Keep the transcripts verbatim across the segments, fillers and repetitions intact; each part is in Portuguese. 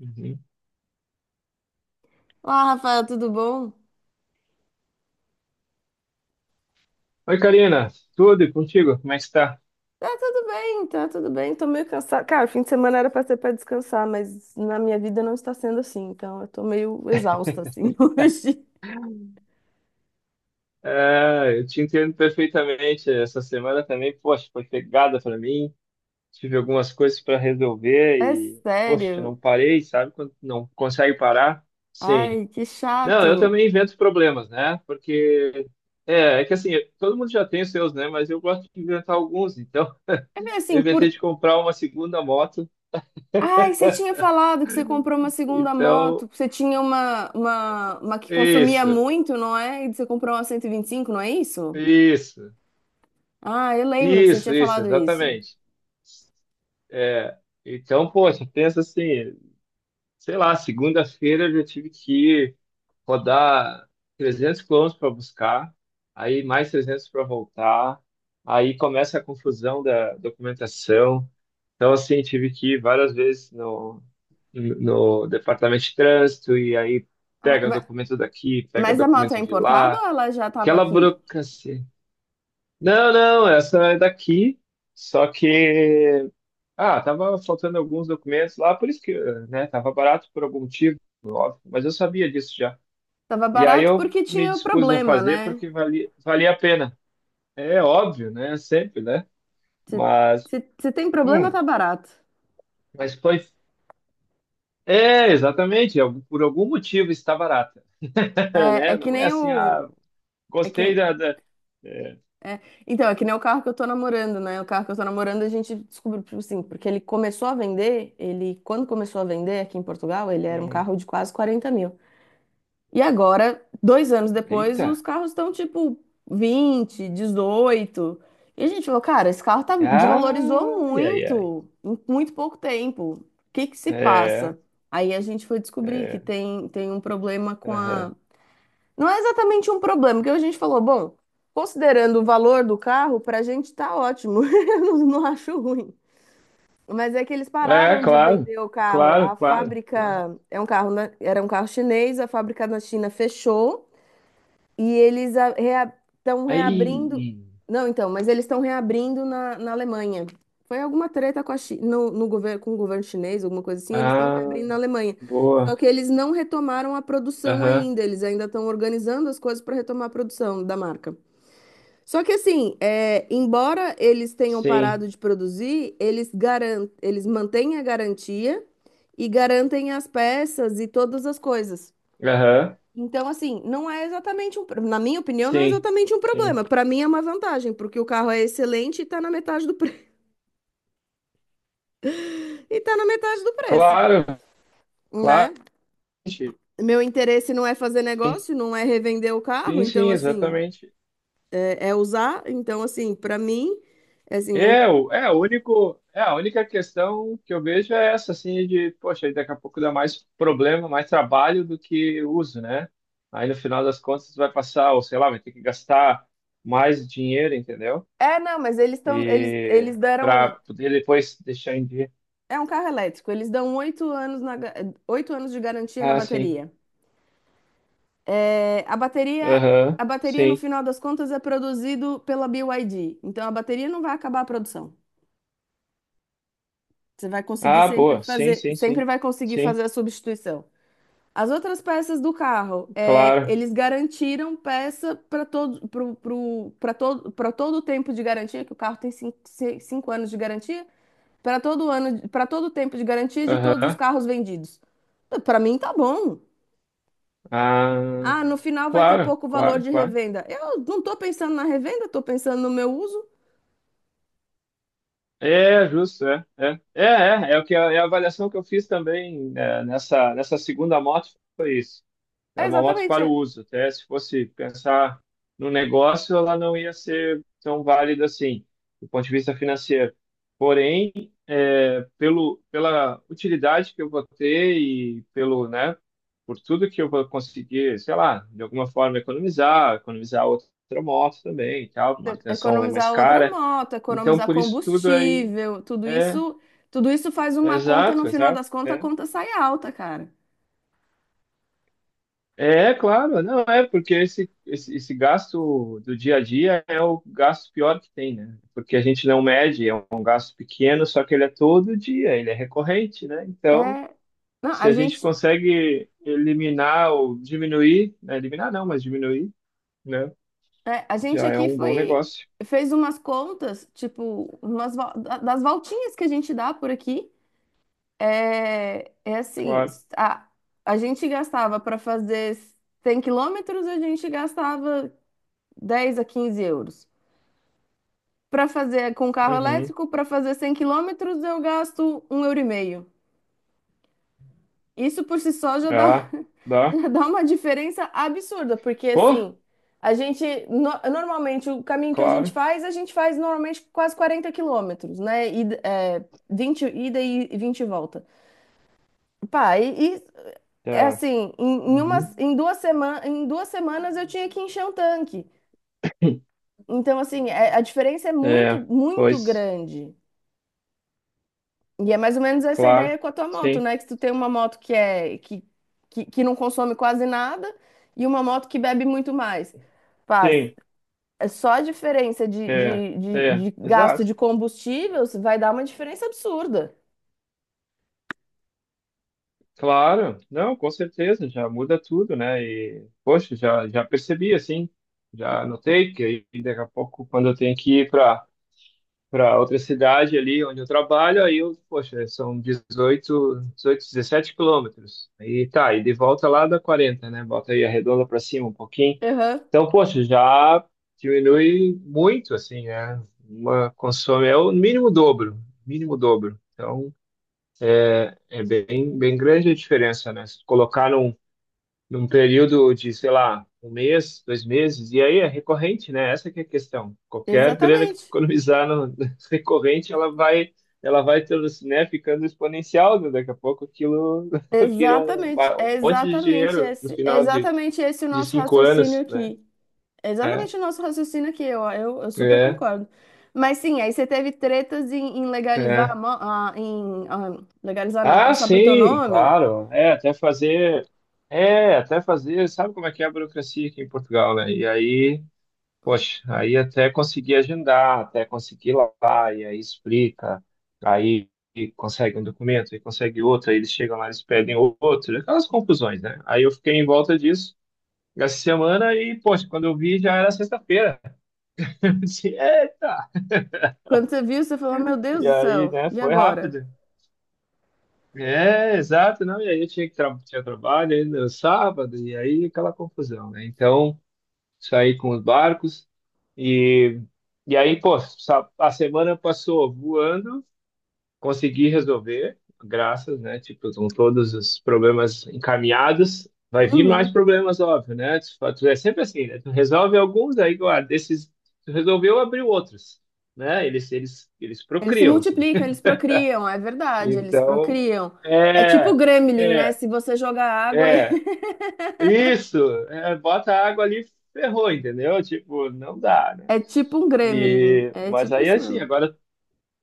Uhum. Olá, Rafael, tudo bom? Oi, Karina, tudo e contigo? Como é que está? Tá tudo bem, tá tudo bem. Tô meio cansada. Cara, fim de semana era pra ser pra descansar, mas na minha vida não está sendo assim. Então eu tô meio exausta assim hoje. Ah, eu te entendo perfeitamente. Essa semana também, poxa, foi pegada para mim. Tive algumas coisas para resolver É e, poxa, sério. não parei, sabe? Quando não consegue parar. Sim. Ai, que Não, eu chato. também invento problemas, né? Porque é, é que assim, todo mundo já tem os seus, né? Mas eu gosto de inventar alguns. Então, É meio eu assim, inventei por. de comprar uma segunda moto. Ai, você tinha falado que você comprou uma segunda Então, moto. Você tinha uma, uma, uma que consumia isso, muito, não é? E você comprou uma cento e e vinte e cinco, não é isso? isso, Ah, eu lembro que você isso, tinha isso, falado isso. exatamente. É, então, poxa, pensa assim, sei lá, segunda-feira eu já tive que rodar trezentos quilômetros para buscar, aí mais trezentos para voltar, aí começa a confusão da documentação. Então, assim, tive que ir várias vezes no, no departamento de trânsito, e aí Ah, pega ma- documento daqui, pega mas a moto é documento de importada lá, ou ela já estava aquela aqui? burocracia. Não, não, essa é daqui, só que ah, tava faltando alguns documentos lá, por isso que, né, tava barato por algum motivo, óbvio, mas eu sabia disso já. Tava E aí barato eu porque me tinha dispus a problema, fazer né? porque valia, valia a pena. É óbvio, né, sempre, né? Se, Mas, se, Se tem problema, hum, tá barato. mas foi, é, exatamente, algum- por algum motivo está barata, É, é né? que Não é nem assim, o. ah, É que, gostei da, da- é, é- então, é que nem o carro que eu tô namorando, né? O carro que eu tô namorando, a gente descobriu, tipo assim, porque ele começou a vender, ele, quando começou a vender aqui em Portugal, ele era um hum, carro de quase quarenta mil. E agora, dois anos depois, eita, os carros estão tipo vinte, dezoito. E a gente falou, cara, esse carro tá, desvalorizou ai, ai, ai, muito, em muito pouco tempo. O que que se é, passa? Aí a gente foi descobrir que é, tem, tem um problema com a. aham. Não é exatamente um problema, porque a gente falou, bom, considerando o valor do carro, pra gente tá ótimo. Eu não, não acho ruim. Mas é que eles É, pararam de claro, vender o carro. claro, A claro, claro. fábrica é um carro, na- era um carro chinês, a fábrica na China fechou. E eles estão reabrindo. Aí. Não, então, mas eles estão reabrindo na, na Alemanha. Foi alguma treta com a Chi- no, no governo, com o governo chinês, alguma coisa assim, eles estão Ah, reabrindo na Alemanha. Só boa. que eles não retomaram a produção Aham. ainda, eles ainda estão organizando as coisas para retomar a produção da marca. Só que assim, é, embora eles tenham Sim. parado de produzir, eles garan eles mantêm a garantia e garantem as peças e todas as coisas. Aham. Então, assim, não é exatamente um, pro- na minha opinião, não é Sim. exatamente um Sim. problema. Para mim é uma vantagem, porque o carro é excelente e tá na metade do pre... e tá na metade do preço, Claro, né? claro. Meu interesse não é fazer Sim, negócio, não é revender o carro, sim, então sim, assim, exatamente. é, é usar, então assim, para mim, é assim, um... É, o- é, o único, é a única questão que eu vejo é essa, assim, de, poxa, daqui a pouco dá mais problema, mais trabalho do que uso, né? Aí no final das contas vai passar, ou sei lá, vai ter que gastar mais dinheiro, entendeu? É, não, mas eles estão eles E eles para deram, poder depois deixar em dia. é um carro elétrico, eles dão oito anos na ga- oito anos de garantia na Ah, sim. bateria. É, a bateria, Aham, a bateria, no sim. final das contas, é produzido pela B Y D. Então, a bateria não vai acabar a produção. Você vai conseguir Ah, sempre boa. Sim, fazer, sim, sempre sim. vai conseguir Sim, fazer a substituição. As outras peças do carro, é, claro. eles garantiram peça para todo, pro, pro, para todo, para todo o tempo de garantia, que o carro tem cinco, se- cinco anos de garantia, para todo ano, para todo o tempo de garantia de todos os Aham. carros vendidos. Para mim, tá bom. Ah, Ah, no final vai ter claro, pouco valor claro, de claro. revenda. Eu não estou pensando na revenda, estou pensando no meu uso. É, justo, é, é. É, é, é o que a, é a avaliação que eu fiz também, é, nessa, nessa segunda moto, foi isso. É É uma moto exatamente, para o é. uso. Até se fosse pensar no negócio, ela não ia ser tão válida assim, do ponto de vista financeiro. Porém, é, pelo, pela utilidade que eu vou ter e pelo, né, por tudo que eu vou conseguir, sei lá, de alguma forma economizar, economizar outra moto também e tal, É manutenção é mais economizar outra cara. moto, Então, economizar por isso tudo aí combustível, tudo é, isso, tudo isso faz é uma conta, no exato, final exato. das contas, a É. conta sai alta, cara. É, claro, não é, porque esse, esse, esse gasto do dia a dia é o gasto pior que tem, né? Porque a gente não mede, é um gasto pequeno, só que ele é todo dia, ele é recorrente, né? Então, É, não, se a a gente gente, consegue eliminar ou diminuir, né? Eliminar não, mas diminuir, né? é, a gente Já é aqui um bom foi, negócio, fez umas contas, tipo, umas, vo- da- das voltinhas que a gente dá por aqui. É, é assim, claro. a, a gente gastava para fazer cem quilômetros, a gente gastava dez a quinze euros. Para fazer com carro Uhum. elétrico, para fazer cem quilômetros, eu gasto um euro e meio. Isso por si só já dá, Ah, dá. já dá uma diferença absurda, porque Pô, assim, a gente, no- normalmente, o caminho que a gente claro. faz, a gente faz normalmente quase quarenta quilômetros, né? E, é, vinte ida e vinte volta. Pá, e, é Tá. assim, em, em, Uhum. umas, em, duas semanas, em duas semanas eu tinha que encher um tanque. Então, assim, é- a diferença é muito, É, muito pois, grande. E é mais ou menos essa ideia claro. com a tua moto, Sim, né? Que tu tem uma moto que é que, que, que não consome quase nada e uma moto que bebe muito mais. Paz, sim, é só a diferença de, é, de, de, é, de gasto exato. de combustível vai dar uma diferença absurda. Claro, não, com certeza, já muda tudo, né? E, poxa, já, já, percebi, assim, já notei que aí daqui a pouco, quando eu tenho que ir para para outra cidade ali onde eu trabalho, aí eu, poxa, são dezoito, dezoito, dezessete quilômetros. Aí tá, e de volta lá dá quarenta, né? Bota aí a redonda para cima um pouquinho. Aham, Então, poxa, já diminui muito, assim, né? Uma consome, é o mínimo dobro, mínimo dobro. Então, é bem, bem grande a diferença, né? Se colocar num num período de, sei lá, um mês, dois meses, e aí é recorrente, né? Essa que é a questão. Qualquer grana que tu exatamente. economizar no recorrente, ela vai, ela vai tendo, né, ficando exponencial, né? Daqui a pouco aquilo vira um, Exatamente. É um monte de exatamente dinheiro no esse, é final de, exatamente esse o de nosso cinco raciocínio anos, né? aqui. É É, exatamente o nosso raciocínio aqui, eu, eu, eu super é, concordo. Mas sim, aí você teve tretas em, em legalizar, a é. mo- ah, em ah, legalizar não, em Ah, passar pro teu sim, nome. claro. É, até fazer. É, até fazer. Sabe como é que é a burocracia aqui em Portugal, né? E aí, poxa, aí até conseguir agendar, até conseguir lá, lá, e aí explica, aí consegue um documento, aí consegue outro, aí eles chegam lá, eles pedem outro, aquelas confusões, né? Aí eu fiquei em volta disso essa semana e, poxa, quando eu vi já era sexta-feira. Eu disse, Eita! Quando você viu, você falou, meu Deus E do aí, céu, né, e foi agora? rápido. É, exato, não, e aí eu tinha que tra tinha trabalho ainda no sábado, e aí aquela confusão, né? Então, saí com os barcos e, e aí, pô, sa- a semana passou voando, consegui resolver, graças, né? Tipo, estão todos os problemas encaminhados. Vai vir mais Uhum. problemas, óbvio, né? Tu fa- tu é sempre assim, né? Tu resolve alguns, aí, guarda, esses, tu resolveu, abriu outros, né? Eles, eles, eles Eles se procriam, assim. multiplicam, eles procriam, é verdade, eles Então, procriam. É tipo é, gremlin, né? é, Se você jogar água, é. Isso, é, bota água ali, ferrou, entendeu? Tipo, não dá, né? é tipo um gremlin, E, é mas tipo aí isso assim, mesmo. agora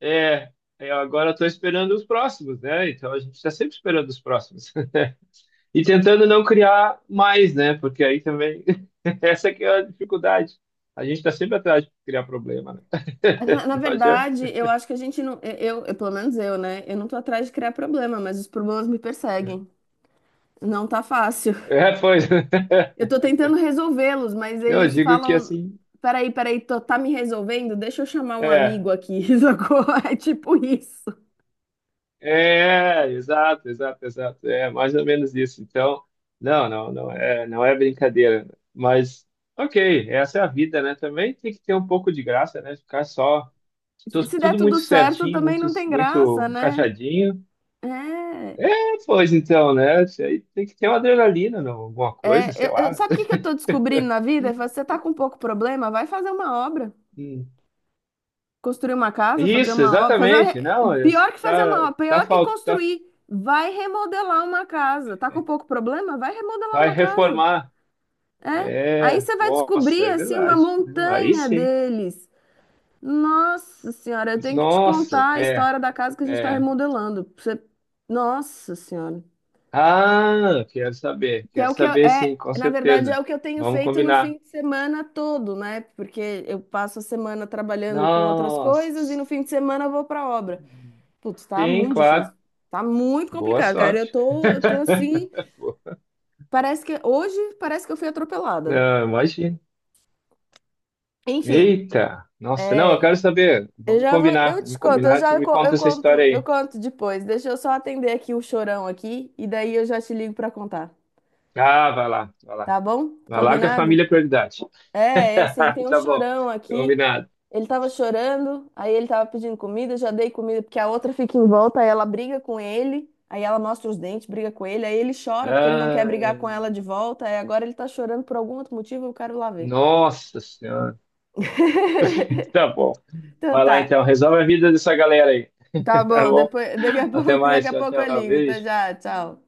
é, eu agora estou esperando os próximos, né? Então a gente está sempre esperando os próximos e tentando não criar mais, né? Porque aí também essa que é a dificuldade. A gente está sempre atrás de criar problema, né? Na, na Não adianta. verdade, eu acho que a gente não, eu, eu, pelo menos eu, né? Eu não tô atrás de criar problema, mas os problemas me perseguem. Não tá fácil. É, pois. Eu tô tentando resolvê-los, mas Não, eu eles digo que falam: assim, peraí, peraí, tô, tá me resolvendo? Deixa eu chamar um é. amigo aqui, sacou? É tipo isso. É, exato, exato, exato. É mais ou menos isso. Então, não, não, não é, não é brincadeira. Mas, ok, essa é a vida, né? Também tem que ter um pouco de graça, né? Ficar só tu- Se der tudo muito tudo certo, certinho, também muito, não tem graça, muito né? encaixadinho. É. É, pois então, né? Isso aí tem que ter uma adrenalina, não, alguma coisa, é sei eu, eu- lá. Sabe o que que eu tô descobrindo na vida? Eu falo, você tá com pouco problema? Vai fazer uma obra. Hum. Construir uma casa, fazer Isso, uma obra. Fazer uma exatamente. re- Não, isso Pior que fazer tá, uma obra, tá, pior que fal- tá, construir. Vai remodelar uma casa. Tá com pouco problema? Vai remodelar vai uma casa. reformar. É. Aí É, você vai nossa, descobrir é assim uma verdade, né? Aí montanha sim. deles. Nossa senhora, eu tenho que te Nossa, contar a é, história da casa que a gente está é. remodelando. Pra você... Nossa senhora. Ah, quero saber, Que quero é o que eu, saber sim, é, com na verdade, é certeza. o que eu tenho Vamos feito no combinar. fim de semana todo, né? Porque eu passo a semana trabalhando com outras coisas e Nossa. no fim de semana eu vou para obra. Putz, tá Sim, muito claro. difícil. Tá muito Boa complicado, cara. Eu sorte. tô, eu tô assim, parece que hoje parece que eu fui atropelada. Ah, imagina. Enfim, Eita, nossa, não, eu é, quero saber. eu Vamos já vou, combinar, eu te vamos conto, eu combinar. Tu já me co- conta eu essa conto, história eu aí. conto depois. Deixa eu só atender aqui o chorão aqui e daí eu já te ligo para contar, Ah, vai lá, vai lá. tá bom? Vai lá que a Combinado? família é prioridade. É, é assim, tem um Tá bom, chorão aqui. combinado. Ele tava chorando, aí ele tava pedindo comida, eu já dei comida porque a outra fica em volta, aí ela briga com ele, aí ela mostra os dentes, briga com ele, aí ele chora porque ele não quer Ah, brigar com ela de volta, aí agora ele tá chorando por algum outro motivo, eu quero lá ver. nossa senhora. Tá bom. Então Vai lá tá. então, resolve a vida dessa galera aí. Tá Tá bom, bom? depois, daqui a Até pouco, daqui mais, a tchau, pouco eu tchau, ligo. Tá beijo. já, tchau.